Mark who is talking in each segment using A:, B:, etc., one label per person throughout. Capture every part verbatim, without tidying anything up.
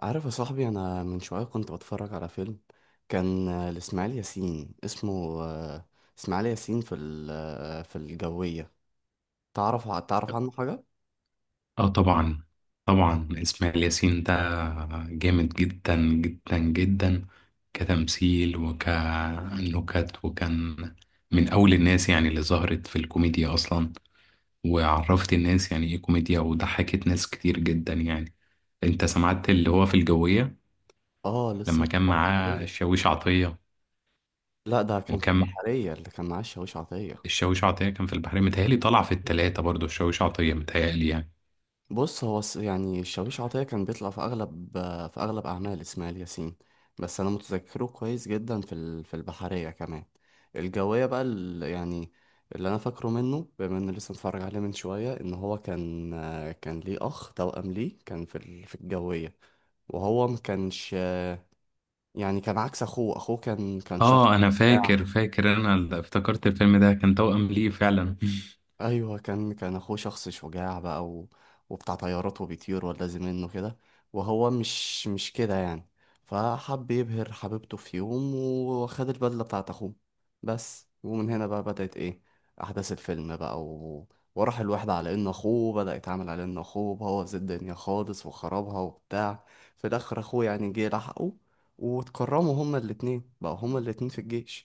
A: عارف يا صاحبي، انا من شويه كنت بتفرج على فيلم كان آه، لاسماعيل ياسين. اسمه آه، اسماعيل ياسين في ال- آه، في الجويه. تعرف ع- تعرف عنه حاجه؟
B: اه طبعا. طبعا اسماعيل ياسين ده جامد جدا جدا جدا، كتمثيل وكنكت. وكان من اول الناس، يعني اللي ظهرت في الكوميديا اصلا، وعرفت الناس يعني ايه كوميديا، وضحكت ناس كتير جدا يعني. انت سمعت اللي هو في الجوية
A: اه، لسه
B: لما كان
A: متفرج
B: معاه
A: عليه.
B: الشاويش عطية؟
A: لا، ده كان في
B: وكان
A: البحريه اللي كان معاه الشاويش عطيه.
B: الشاويش عطية كان في البحرية، متهيألي طلع في التلاتة برضو الشاويش عطية متهيألي يعني.
A: بص، هو الس- يعني الشاويش عطية كان بيطلع في أغلب آه، في أغلب أعمال إسماعيل ياسين، بس أنا متذكره كويس جدا في ال- في البحرية كمان. الجوية بقى ال- يعني اللي أنا فاكره منه، بما إني لسه متفرج عليه من شوية، إن هو كان آه، كان ليه أخ توأم ليه كان في ال- في الجوية، وهو ما كانش يعني، كان عكس أخوه. أخوه كان كان شخص
B: اه انا فاكر فاكر انا ال- افتكرت الفيلم ده كان توأم ليه فعلا
A: ايوه، كان كان اخوه شخص شجاع بقى و... وبتاع طيارات وبيطير ولازم منه كده، وهو مش مش كده يعني. فحب يبهر حبيبته في يوم، وخد البدله بتاعت اخوه بس، ومن هنا بقى بدأت ايه، احداث الفيلم بقى. و... وراح الواحد على انه اخوه، بدأ يتعامل على انه اخوه. بوظ الدنيا خالص وخربها وبتاع. في الاخر اخوه يعني جه لحقه، واتكرموا هما الاتنين بقى، هما الاتنين في الجيش.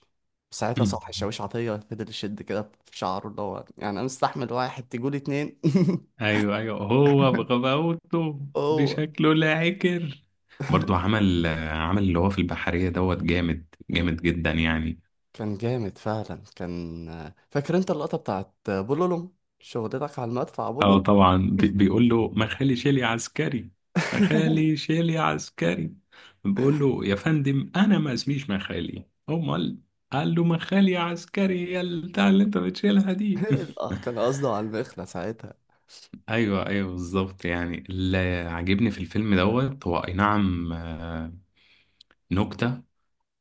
A: ساعتها صبحي الشاويش عطية فضل يشد كده في شعره، اللي هو يعني أنا مستحمل واحد تجول اتنين.
B: ايوه، ايوه، هو بغباوته
A: هو
B: بشكله لا عكر. برضو عمل عمل اللي هو في البحرية دوت جامد جامد جدا يعني.
A: كان جامد فعلا. كان، فاكر أنت اللقطة بتاعت بولولوم، شغلتك على المدفع
B: اه
A: بولولوم؟
B: طبعا. بي- بيقول له ما خالي شيلي عسكري. ما خالي شيلي عسكري. بيقول له يا فندم انا ما اسميش مخالي، امال؟ قال له مخالي عسكري يا البتاع اللي انت بتشيلها دي
A: لا، كان قصده على المخلة ساعتها.
B: ايوه، ايوه، بالظبط يعني. اللي عاجبني في الفيلم دوت هو اي نعم، آه، نكتة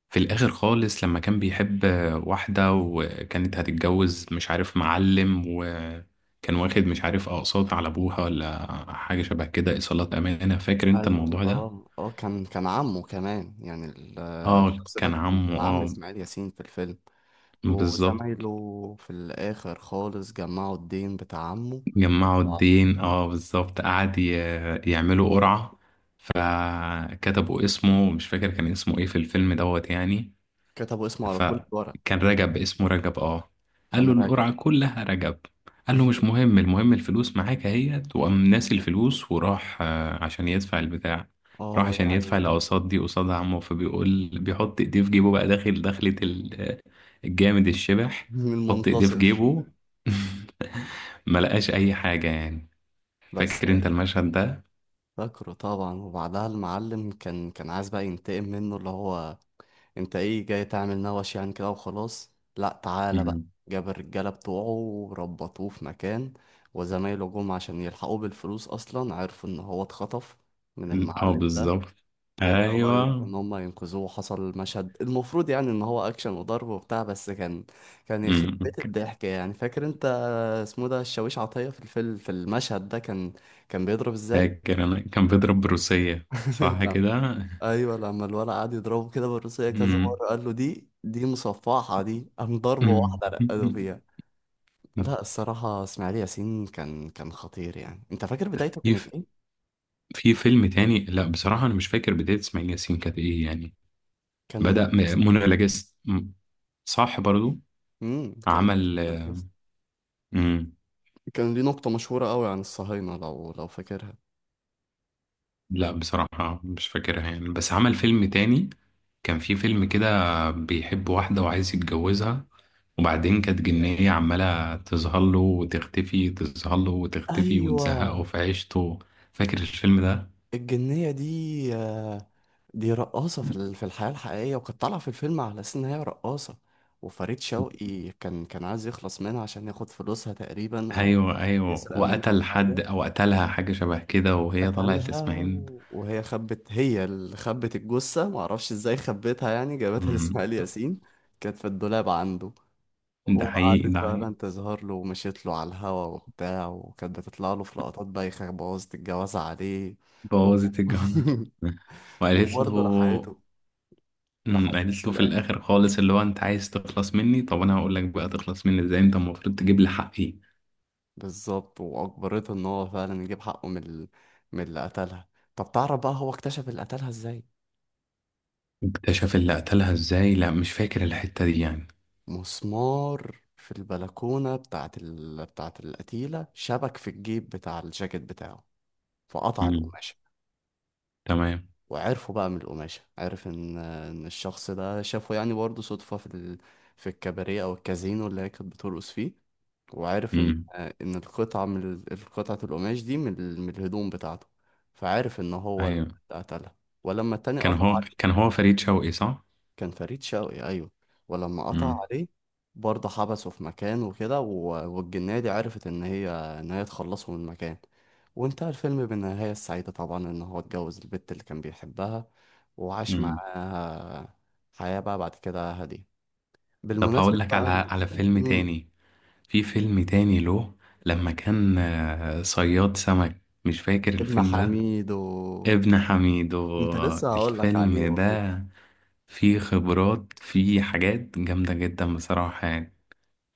B: في الآخر خالص، لما كان بيحب واحدة وكانت هتتجوز مش عارف معلم، وكان واخد مش عارف أقساط على أبوها ولا حاجة شبه كده، إيصالات أمانة. فاكر أنت
A: أيوة،
B: الموضوع ده؟
A: اه اه، كان كان عمه كمان يعني، ال-
B: آه
A: الشخص ده
B: كان
A: كان
B: عمه
A: كان عم
B: آه.
A: إسماعيل ياسين في الفيلم،
B: بالظبط.
A: وزمايله في الآخر خالص جمعوا الدين بتاع عمه
B: جمعوا الدين
A: وعليهم.
B: آه، بالظبط. قعد ي- يعملوا قرعة، فكتبوا اسمه. مش فاكر كان اسمه إيه في الفيلم دوت يعني.
A: كتبوا اسمه على كل ورق،
B: فكان رجب، اسمه رجب اه. قال
A: كان
B: له
A: راجع.
B: القرعة كلها رجب. قال له مش مهم، المهم الفلوس معاك اهيت. وقام ناسي الفلوس، وراح آه، عشان يدفع البتاع. راح
A: اه
B: عشان يدفع
A: يعني،
B: الأقساط دي قصاد عمه. فبيقول بيحط ايديه في جيبه بقى، داخل دخلة ال- الجامد الشبح.
A: مين
B: حط ايديه في
A: المنتصر؟
B: جيبه ما لقاش اي حاجة يعني.
A: بس
B: فاكر انت المشهد ده؟
A: فاكره طبعا. وبعدها المعلم كان كان عايز بقى ينتقم منه، اللي هو انت ايه جاي تعمل نوش يعني كده، وخلاص لا تعالى بقى.
B: مم.
A: جاب الرجالة بتوعه وربطوه في مكان. وزمايله جم عشان يلحقوه بالفلوس، اصلا عرفوا ان هو اتخطف من
B: اه،
A: المعلم ده.
B: بالظبط.
A: وبدأوا بقى يروحوا
B: ايوه.
A: إن هم ينقذوه، وحصل مشهد المفروض يعني إن هو أكشن وضرب وبتاع، بس كان كان يخرب
B: مم.
A: بيت الضحك يعني. فاكر أنت اسمه ده، الشاويش عطية في الفيلم في المشهد ده، كان كان بيضرب إزاي؟
B: فاكر انا كان بيضرب بروسية، صح
A: لا.
B: كده.
A: أيوه، لما الولد قعد يضربه كده بالروسية كذا
B: مم.
A: مرة، قال له دي دي مصفحة دي، قام ضربة واحدة رقده
B: مم.
A: فيها. لا، الصراحة إسماعيل ياسين كان كان خطير يعني. أنت فاكر بدايته كانت
B: في
A: إيه؟
B: في فيلم تاني. لا بصراحة انا مش فاكر بداية اسماعيل ياسين كانت ايه يعني.
A: كان
B: بدأ
A: منرجس.
B: م- منى لجست. مم. صح برضو
A: امم كان،
B: عمل. مم.
A: كان ليه نقطة مشهورة قوي عن الصهاينة، لو لو فاكرها
B: لا بصراحة مش فاكرها يعني، بس عمل فيلم تاني. كان في فيلم كده بيحب واحدة وعايز يتجوزها، وبعدين كانت جنية عمالة تظهر له وتختفي، تظهر له وتختفي، وتزهقه
A: ايوه،
B: في عيشته. فاكر الفيلم ده؟
A: الجنيه دي، آه، دي رقاصه في ال- في الحياه الحقيقيه، وكانت طالعه في الفيلم على اساس ان هي رقاصه. وفريد شوقي كان كان عايز يخلص منها عشان ياخد فلوسها تقريبا، او
B: ايوه، ايوه،
A: يسرق منها
B: وقتل حد
A: حاجه.
B: او قتلها حاجه شبه كده، وهي طلعت
A: قتلها،
B: لاسماعيل.
A: و- وهي خبت، هي اللي خبت الجثه، معرفش ازاي خبتها يعني، جابتها
B: أمم،
A: لاسماعيل ياسين، كانت في الدولاب عنده.
B: ده حقيقي،
A: وقعدت
B: ده حقيقي.
A: فعلا تظهر له ومشيت له على الهوا وبتاع، وكانت بتطلع له في لقطات بايخة بوظت الجوازة عليه. و-
B: بوظت الجو وقالت له.
A: وبرضه لحقته،
B: أمم،
A: لحقته
B: قالت
A: في
B: له في
A: الآخر.
B: الاخر خالص، اللي هو انت عايز تخلص مني؟ طب انا هقول لك بقى تخلص مني ازاي. انت المفروض تجيب لي حقي.
A: بالظبط، وأجبرته إن هو فعلا يجيب حقه من ال... من اللي قتلها. طب تعرف بقى هو اكتشف اللي قتلها إزاي؟
B: اكتشف اللي قتلها ازاي؟ لا مش فاكر الحته دي يعني.
A: مسمار في البلكونة بتاعت ال... بتاعت القتيلة شبك في الجيب بتاع الجاكيت بتاعه، فقطع
B: أمم،
A: القماشة.
B: تمام.
A: وعرفه بقى من القماشة، عرف إن إن الشخص ده شافه يعني برضه صدفة في ال... في الكباريه أو الكازينو اللي هي كانت بترقص فيه، وعارف ان
B: أمم،
A: ان القطعه من ال- قطعه القماش دي من ال- من الهدوم بتاعته، فعارف ان هو اللي
B: ايوه.
A: قتلها. ولما التاني
B: كان
A: قطع
B: هو
A: عليه،
B: كان هو فريد شوقي صح.
A: كان فريد شوقي ايوه، ولما قطع
B: أمم.
A: عليه برضه حبسه في مكان وكده، و- والجنية دي عرفت ان هي ان هي تخلصه من المكان. وانتهى الفيلم بالنهاية السعيدة طبعا، ان هو اتجوز البت اللي كان بيحبها، وعاش
B: أمم.
A: معاها حياة بقى بعد كده هادية.
B: طب
A: بالمناسبة
B: هقول لك
A: بقى
B: على
A: ال-
B: على فيلم
A: مم،
B: تاني. في فيلم تاني له، لما كان آه، صياد سمك. مش فاكر
A: ابن
B: الفيلم ده.
A: حميد و...
B: ابن حميد
A: كنت
B: و-
A: لسه هقول لك عليه
B: الفيلم
A: والله.
B: ده فيه خبرات، فيه حاجات جامدة جدا بصراحة يعني.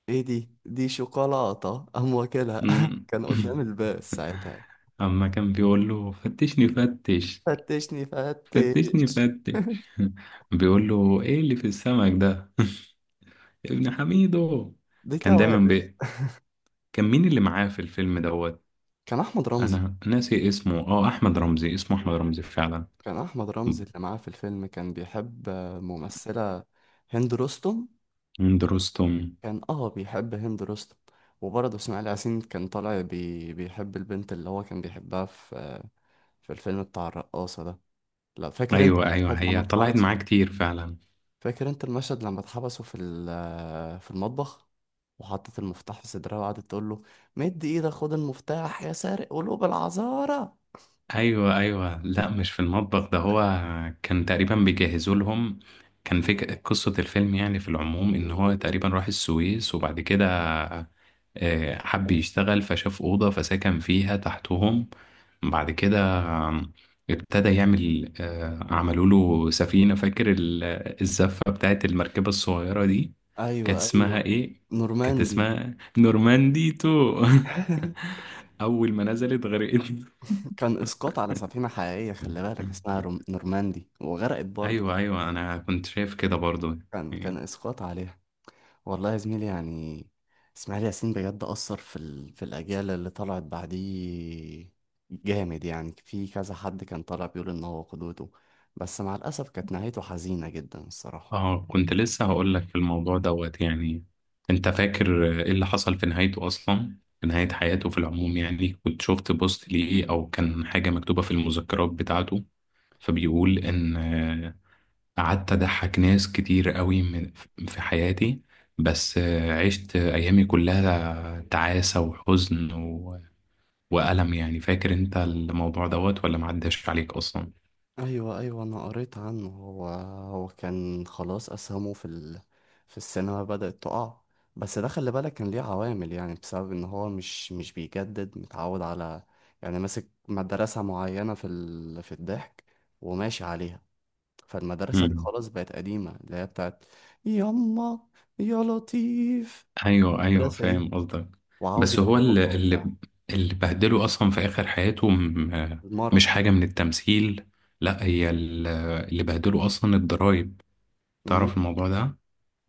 A: ايه دي، دي شوكولاتة قام واكلها.
B: مم.
A: كان قدام الباب ساعتها.
B: أما كان بيقول له فتشني فتش.
A: فتشني
B: فتشني
A: فتش.
B: فتش بيقول له ايه اللي في السمك ده ابن حميدو.
A: دي
B: كان دايما
A: توابل.
B: بي... كان مين اللي معاه في الفيلم دوت؟
A: كان احمد رمزي.
B: انا ناسي اسمه، اه احمد رمزي، اسمه احمد رمزي فعلا.
A: كان احمد رمزي اللي معاه في الفيلم كان بيحب آه، ممثلة، هند رستم.
B: درستم.
A: كان اه بيحب هند رستم. وبرضه اسماعيل ياسين كان طالع بي... بيحب البنت اللي هو كان بيحبها في آه، في الفيلم بتاع الرقاصة ده. لا فاكر انت
B: ايوه، ايوه،
A: المشهد لما
B: هي طلعت
A: اتحبس،
B: معاه كتير فعلا.
A: فاكر انت المشهد لما اتحبسوا في ال- آه، في المطبخ، وحطت المفتاح في صدرها وقعدت تقول له مد ايدك خد المفتاح يا سارق قلوب العذارى.
B: ايوه، ايوه، لا مش في المطبخ ده هو. كان تقريبا بيجهزوا لهم. كان في قصة الفيلم يعني في العموم، ان هو تقريبا راح السويس، وبعد كده آه، حب يشتغل فشاف أوضة فسكن فيها تحتهم. بعد كده آم، ابتدى يعمل، آه، عملوا له سفينة. فاكر ال- الزفة بتاعت المركبة الصغيرة دي؟
A: ايوه
B: كانت
A: ايوه.
B: اسمها ايه؟ كانت
A: نورماندي.
B: اسمها نورماندي تو اول ما نزلت غرقت.
A: كان اسقاط على سفينة حقيقية، خلي بالك اسمها روم- نورماندي وغرقت برضه.
B: ايوه، ايوه، انا كنت شايف كده برضو.
A: كان، كان اسقاط عليها. والله يا زميلي يعني، اسماعيل ياسين بجد أثر في ال... في الأجيال اللي طلعت بعديه، جامد يعني. في كذا حد كان طالع بيقول إن هو قدوته. بس مع الأسف كانت نهايته حزينة جدا الصراحة.
B: اه، كنت لسه هقول لك الموضوع دوت يعني. انت فاكر ايه اللي حصل في نهايته اصلا، في نهاية حياته في العموم يعني؟ كنت شفت بوست ليه او كان حاجة مكتوبة في المذكرات بتاعته، فبيقول ان قعدت أضحك ناس كتير قوي من في حياتي، بس آه، عشت أيامي كلها تعاسة، وحزن و... وألم يعني. فاكر أنت الموضوع دوت ولا معداش عليك أصلا؟
A: أيوة أيوة، أنا قريت عنه. هو هو كان خلاص أسهمه في ال... في السينما بدأت تقع. بس ده خلي بالك كان ليه عوامل، يعني بسبب إن هو مش مش بيجدد، متعود على يعني ماسك مدرسة معينة في ال... في الضحك وماشي عليها. فالمدرسة دي
B: مم.
A: خلاص بقت قديمة، اللي هي بتاعت يما، يا لطيف.
B: أيوه، أيوه،
A: المدرسة دي
B: فاهم قصدك. بس
A: وعوجة
B: هو اللي
A: البق
B: اللي
A: وبتاع.
B: اللي بهدله أصلا في آخر حياته، م...
A: المرض.
B: مش حاجة من التمثيل. لا هي ال- اللي بهدله أصلا الضرايب.
A: أمم،
B: تعرف الموضوع ده؟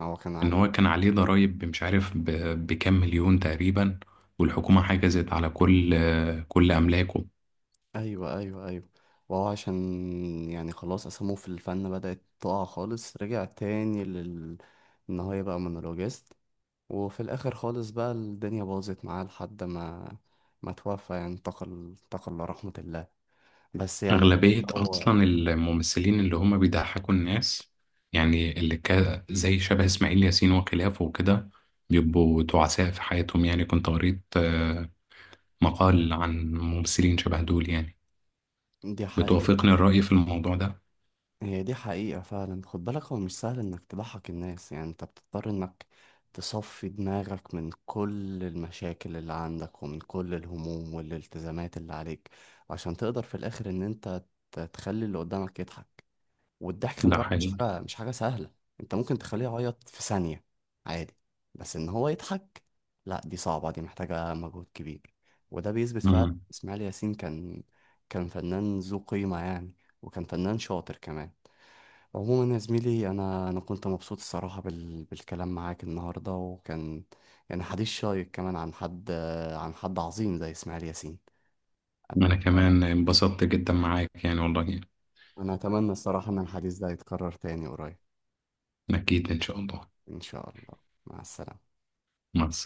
A: هو كان
B: ان
A: عليه.
B: هو كان عليه ضرائب مش عارف ب- بكام مليون تقريبا، والحكومة حجزت على كل كل املاكه.
A: أيوة أيوة أيوة. وهو عشان يعني خلاص أسامه في الفن بدأت تقع خالص، رجع تاني لل إن هو يبقى مونولوجيست. وفي الآخر خالص بقى الدنيا باظت معاه لحد ما، ما توفى يعني، انتقل، انتقل لرحمة الله. بس يعني.
B: اغلبية
A: هو،
B: اصلا الممثلين اللي هم بيضحكوا الناس، يعني اللي كا زي شبه اسماعيل ياسين وخلافه وكده، بيبقوا تعساء في حياتهم يعني. كنت قريت آه، مقال عن ممثلين شبه دول يعني.
A: دي حقيقة،
B: بتوافقني الرأي في الموضوع ده؟
A: هي دي حقيقة فعلا. خد بالك، هو مش سهل انك تضحك الناس. يعني انت بتضطر انك تصفي دماغك من كل المشاكل اللي عندك ومن كل الهموم والالتزامات اللي عليك عشان تقدر في الاخر ان انت ت- تخلي اللي قدامك يضحك. والضحك خلي
B: ده
A: بالك مش
B: حقيقي.
A: حاجة، مش حاجة سهلة. انت ممكن تخليه يعيط في ثانية عادي، بس ان هو يضحك، لا دي صعبة، دي محتاجة مجهود كبير. وده بيثبت فعلا
B: مم.
A: اسماعيل ياسين كان كان فنان ذو قيمة يعني، وكان فنان شاطر كمان. عموما يا زميلي، انا انا كنت مبسوط الصراحه بال... بالكلام معاك النهارده، وكان يعني حديث شيق كمان عن حد، عن حد عظيم زي اسماعيل ياسين.
B: انا
A: انا
B: كمان انبسطت جدا معاك يعني والله.
A: انا اتمنى الصراحه ان الحديث ده يتكرر تاني قريب.
B: اكيد ان شاء الله.
A: ان شاء الله. مع السلامه.
B: مع السلامة.